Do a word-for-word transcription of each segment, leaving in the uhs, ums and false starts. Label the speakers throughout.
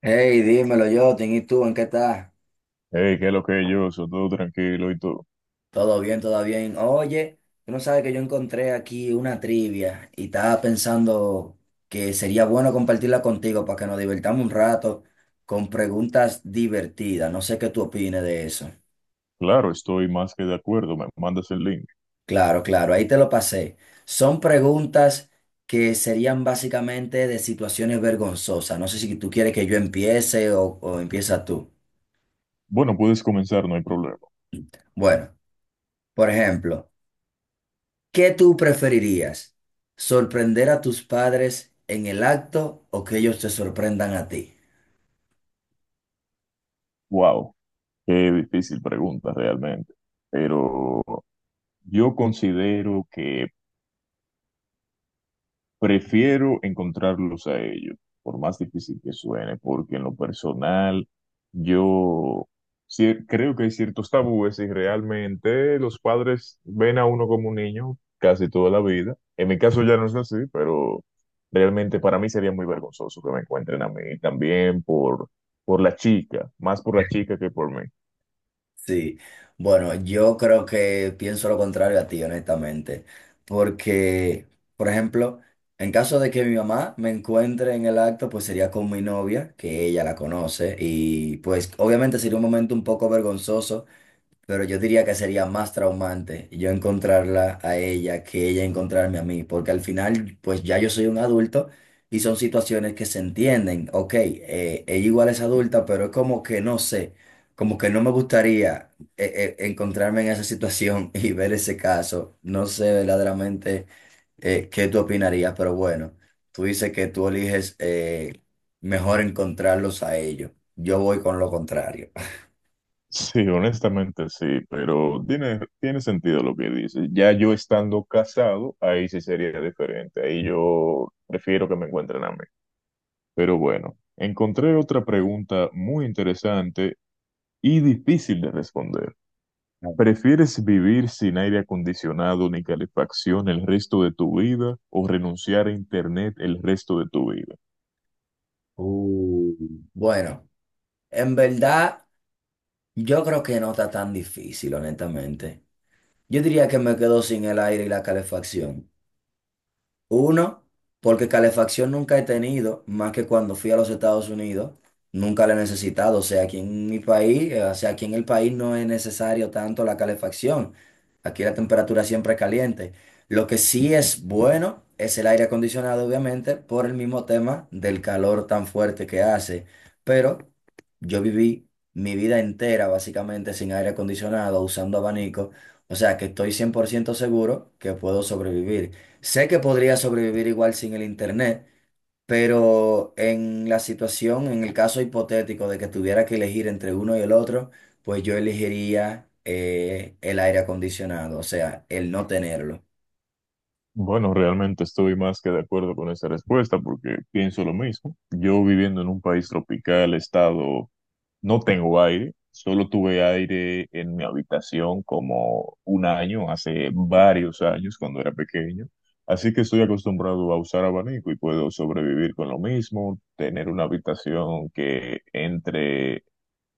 Speaker 1: Hey, dímelo, yo. ¿Y tú en qué estás?
Speaker 2: Hey, ¿qué es lo que yo? Soy todo tranquilo y todo.
Speaker 1: Todo bien, todo bien. Oye, tú no sabes que yo encontré aquí una trivia y estaba pensando que sería bueno compartirla contigo para que nos divertamos un rato con preguntas divertidas. No sé qué tú opines de eso.
Speaker 2: Claro, estoy más que de acuerdo. Me mandas el link.
Speaker 1: Claro, claro, ahí te lo pasé. Son preguntas que serían básicamente de situaciones vergonzosas. No sé si tú quieres que yo empiece o, o empieza tú.
Speaker 2: Bueno, puedes comenzar, no hay problema.
Speaker 1: Bueno, por ejemplo. ¿Qué tú preferirías? ¿Sorprender a tus padres en el acto o que ellos te sorprendan a ti?
Speaker 2: Wow, qué difícil pregunta realmente. Pero yo considero que prefiero encontrarlos a ellos, por más difícil que suene, porque en lo personal yo sí creo que hay ciertos tabúes y realmente los padres ven a uno como un niño casi toda la vida. En mi caso ya no es así, pero realmente para mí sería muy vergonzoso que me encuentren a mí también por, por la chica, más por la chica que por mí.
Speaker 1: Sí, bueno, yo creo que pienso lo contrario a ti, honestamente, porque, por ejemplo, en caso de que mi mamá me encuentre en el acto, pues sería con mi novia, que ella la conoce, y pues obviamente sería un momento un poco vergonzoso. Pero yo diría que sería más traumante yo encontrarla a ella que ella encontrarme a mí, porque al final, pues ya yo soy un adulto y son situaciones que se entienden. Ok, eh, ella igual es adulta, pero es como que no sé, como que no me gustaría eh, eh, encontrarme en esa situación y ver ese caso. No sé verdaderamente eh, qué tú opinarías, pero bueno, tú dices que tú eliges eh, mejor encontrarlos a ellos. Yo voy con lo contrario.
Speaker 2: Sí, honestamente sí, pero tiene, tiene sentido lo que dices. Ya yo estando casado, ahí sí sería diferente. Ahí yo prefiero que me encuentren a mí. Pero bueno, encontré otra pregunta muy interesante y difícil de responder. ¿Prefieres vivir sin aire acondicionado ni calefacción el resto de tu vida o renunciar a internet el resto de tu vida?
Speaker 1: Uh, bueno. En verdad, yo creo que no está tan difícil, honestamente. Yo diría que me quedo sin el aire y la calefacción. Uno, porque calefacción nunca he tenido, más que cuando fui a los Estados Unidos, nunca la he necesitado. O sea, aquí en mi país, eh, o sea, aquí en el país no es necesario tanto la calefacción. Aquí la temperatura siempre es caliente. Lo que sí es bueno es el aire acondicionado, obviamente, por el mismo tema del calor tan fuerte que hace. Pero yo viví mi vida entera básicamente sin aire acondicionado, usando abanico. O sea, que estoy cien por ciento seguro que puedo sobrevivir. Sé que podría sobrevivir igual sin el internet, pero en la situación, en el caso hipotético de que tuviera que elegir entre uno y el otro, pues yo elegiría eh, el aire acondicionado, o sea, el no tenerlo.
Speaker 2: Bueno, realmente estoy más que de acuerdo con esa respuesta porque pienso lo mismo. Yo viviendo en un país tropical, estado, no tengo aire, solo tuve aire en mi habitación como un año, hace varios años cuando era pequeño. Así que estoy acostumbrado a usar abanico y puedo sobrevivir con lo mismo, tener una habitación que entre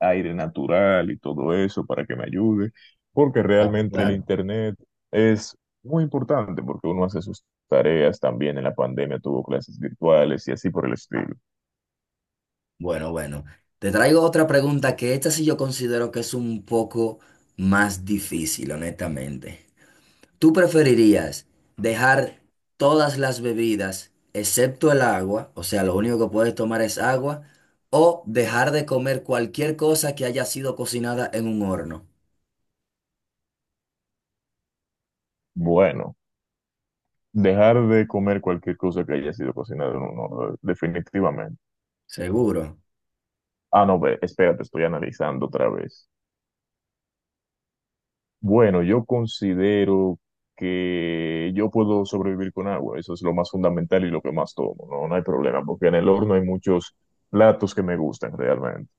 Speaker 2: aire natural y todo eso para que me ayude, porque
Speaker 1: Claro,
Speaker 2: realmente el
Speaker 1: claro.
Speaker 2: internet es muy importante porque uno hace sus tareas también en la pandemia, tuvo clases virtuales y así por el estilo.
Speaker 1: Bueno, bueno. Te traigo otra pregunta que esta sí yo considero que es un poco más difícil, honestamente. ¿Tú preferirías dejar todas las bebidas excepto el agua, o sea, lo único que puedes tomar es agua, o dejar de comer cualquier cosa que haya sido cocinada en un horno?
Speaker 2: Bueno, dejar de comer cualquier cosa que haya sido cocinada en un horno, definitivamente.
Speaker 1: Seguro.
Speaker 2: Ah, no, ve, espérate, estoy analizando otra vez. Bueno, yo considero que yo puedo sobrevivir con agua, eso es lo más fundamental y lo que más tomo, no, no hay problema, porque en el horno hay muchos platos que me gustan realmente.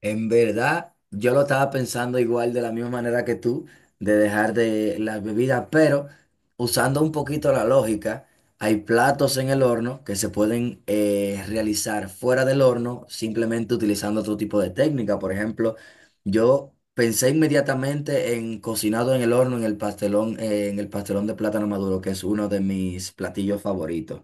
Speaker 1: En verdad, yo lo estaba pensando igual de la misma manera que tú, de dejar de las bebidas, pero usando un poquito la lógica, hay platos en el horno que se pueden eh, realizar fuera del horno simplemente utilizando otro tipo de técnica. Por ejemplo, yo pensé inmediatamente en cocinado en el horno, en el pastelón, eh, en el pastelón de plátano maduro, que es uno de mis platillos favoritos,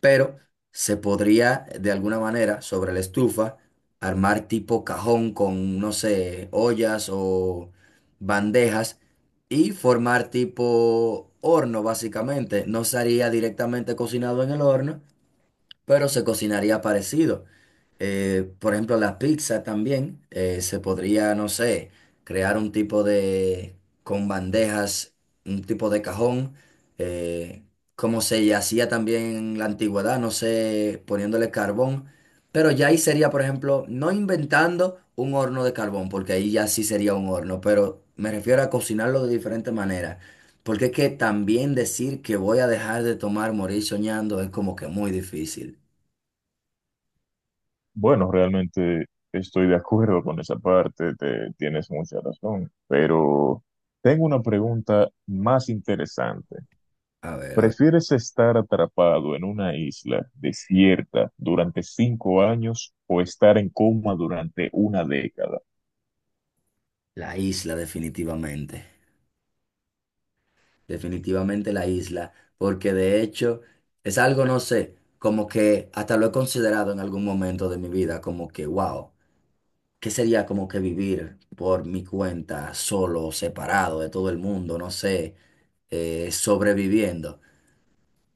Speaker 1: pero se podría de alguna manera sobre la estufa armar tipo cajón con, no sé, ollas o bandejas y formar tipo horno básicamente. No sería directamente cocinado en el horno, pero se cocinaría parecido. Eh, por ejemplo, la pizza también eh, se podría, no sé, crear un tipo de, con bandejas, un tipo de cajón, eh, como se hacía también en la antigüedad, no sé, poniéndole carbón, pero ya ahí sería, por ejemplo, no inventando un horno de carbón, porque ahí ya sí sería un horno, pero me refiero a cocinarlo de diferente manera, porque es que también decir que voy a dejar de tomar, morir soñando, es como que muy difícil.
Speaker 2: Bueno, realmente estoy de acuerdo con esa parte, te- tienes mucha razón, pero tengo una pregunta más interesante.
Speaker 1: A ver, a ver.
Speaker 2: ¿Prefieres estar atrapado en una isla desierta durante cinco años o estar en coma durante una década?
Speaker 1: La isla, definitivamente. Definitivamente la isla, porque de hecho es algo, no sé, como que hasta lo he considerado en algún momento de mi vida, como que, wow, ¿qué sería como que vivir por mi cuenta, solo, separado de todo el mundo, no sé, eh, sobreviviendo?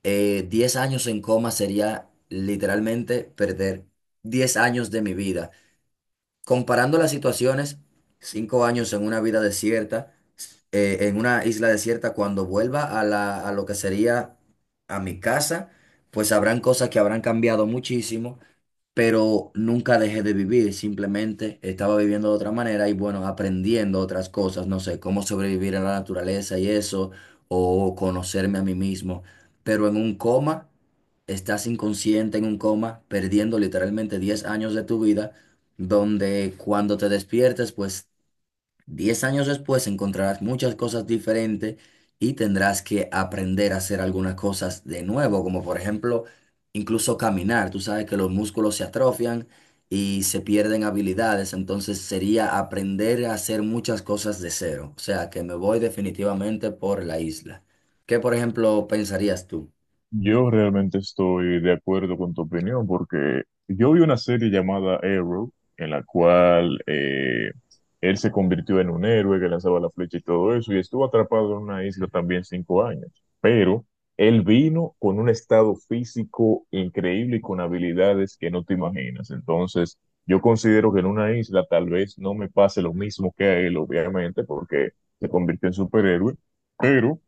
Speaker 1: Eh, diez años en coma sería literalmente perder diez años de mi vida. Comparando las situaciones, cinco años en una vida desierta eh, en una isla desierta, cuando vuelva a la, a lo que sería a mi casa, pues habrán cosas que habrán cambiado muchísimo, pero nunca dejé de vivir, simplemente estaba viviendo de otra manera y bueno, aprendiendo otras cosas, no sé, cómo sobrevivir a la naturaleza y eso, o conocerme a mí mismo, pero en un coma, estás inconsciente en un coma, perdiendo literalmente diez años de tu vida, donde cuando te despiertes, pues diez años después encontrarás muchas cosas diferentes y tendrás que aprender a hacer algunas cosas de nuevo, como por ejemplo, incluso caminar. Tú sabes que los músculos se atrofian y se pierden habilidades, entonces sería aprender a hacer muchas cosas de cero. O sea, que me voy definitivamente por la isla. ¿Qué, por ejemplo, pensarías tú?
Speaker 2: Yo realmente estoy de acuerdo con tu opinión porque yo vi una serie llamada Arrow en la cual eh, él se convirtió en un héroe que lanzaba la flecha y todo eso y estuvo atrapado en una isla también cinco años. Pero él vino con un estado físico increíble y con habilidades que no te imaginas. Entonces, yo considero que en una isla tal vez no me pase lo mismo que a él, obviamente, porque se convirtió en superhéroe. Pero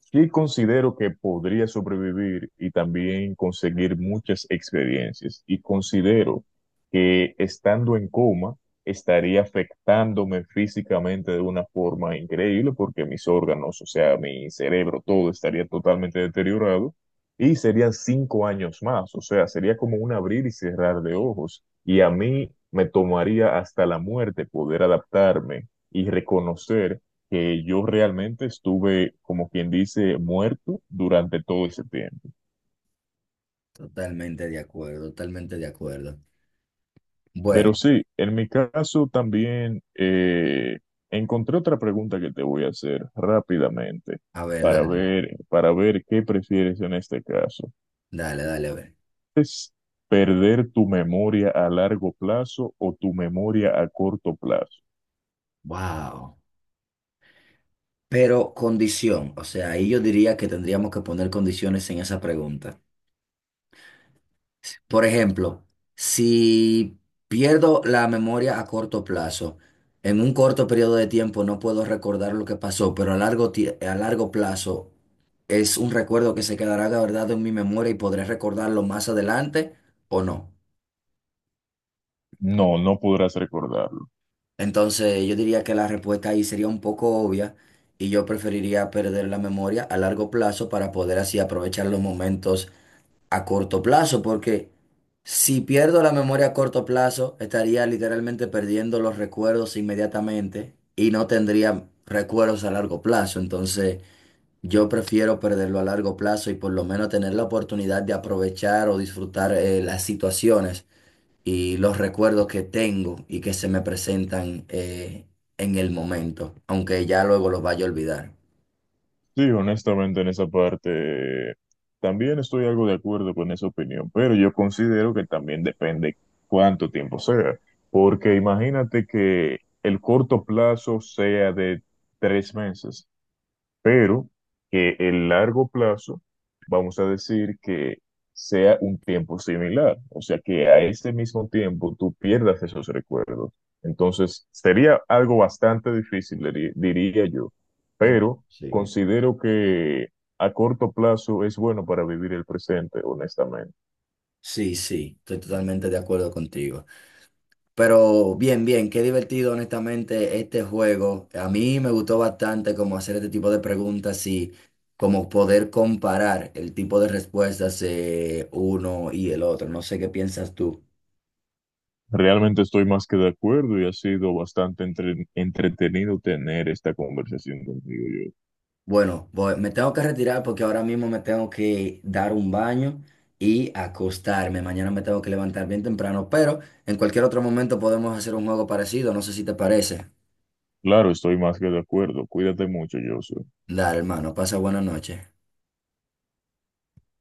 Speaker 2: sí considero que podría sobrevivir y también conseguir muchas experiencias. Y considero que estando en coma estaría afectándome físicamente de una forma increíble porque mis órganos, o sea, mi cerebro, todo estaría totalmente deteriorado y serían cinco años más. O sea, sería como un abrir y cerrar de ojos. Y a mí me tomaría hasta la muerte poder adaptarme y reconocer que yo realmente estuve, como quien dice, muerto durante todo ese tiempo.
Speaker 1: Totalmente de acuerdo, totalmente de acuerdo. Bueno,
Speaker 2: Pero sí, en mi caso también eh, encontré otra pregunta que te voy a hacer rápidamente
Speaker 1: a ver,
Speaker 2: para
Speaker 1: dale,
Speaker 2: ver, para ver qué prefieres en este caso.
Speaker 1: dale, dale, a ver.
Speaker 2: ¿Es perder tu memoria a largo plazo o tu memoria a corto plazo?
Speaker 1: Wow. Pero condición, o sea, ahí yo diría que tendríamos que poner condiciones en esa pregunta. Por ejemplo, si pierdo la memoria a corto plazo, en un corto periodo de tiempo no puedo recordar lo que pasó, pero a largo, tie- a largo plazo es un recuerdo que se quedará guardado en mi memoria y podré recordarlo más adelante o no.
Speaker 2: No, no podrás recordarlo.
Speaker 1: Entonces, yo diría que la respuesta ahí sería un poco obvia y yo preferiría perder la memoria a largo plazo para poder así aprovechar los momentos a corto plazo, porque si pierdo la memoria a corto plazo, estaría literalmente perdiendo los recuerdos inmediatamente y no tendría recuerdos a largo plazo. Entonces, yo prefiero perderlo a largo plazo y por lo menos tener la oportunidad de aprovechar o disfrutar eh, las situaciones y los recuerdos que tengo y que se me presentan eh, en el momento, aunque ya luego los vaya a olvidar.
Speaker 2: Sí, honestamente en esa parte también estoy algo de acuerdo con esa opinión, pero yo considero que también depende cuánto tiempo sea, porque imagínate que el corto plazo sea de tres meses pero que el largo plazo, vamos a decir que sea un tiempo similar, o sea, que a ese mismo tiempo tú pierdas esos recuerdos. Entonces, sería algo bastante difícil, diri- diría yo, pero
Speaker 1: Sí.
Speaker 2: considero que a corto plazo es bueno para vivir el presente, honestamente.
Speaker 1: Sí, sí, estoy totalmente de acuerdo contigo. Pero bien, bien, qué divertido honestamente este juego. A mí me gustó bastante como hacer este tipo de preguntas y como poder comparar el tipo de respuestas eh, uno y el otro. No sé qué piensas tú.
Speaker 2: Realmente estoy más que de acuerdo y ha sido bastante entre- entretenido tener esta conversación contigo, yo.
Speaker 1: Bueno, voy- me tengo que retirar porque ahora mismo me tengo que dar un baño y acostarme. Mañana me tengo que levantar bien temprano, pero en cualquier otro momento podemos hacer un juego parecido. No sé si te parece.
Speaker 2: Claro, estoy más que de acuerdo. Cuídate mucho, yo
Speaker 1: Dale, hermano, pasa buena noche.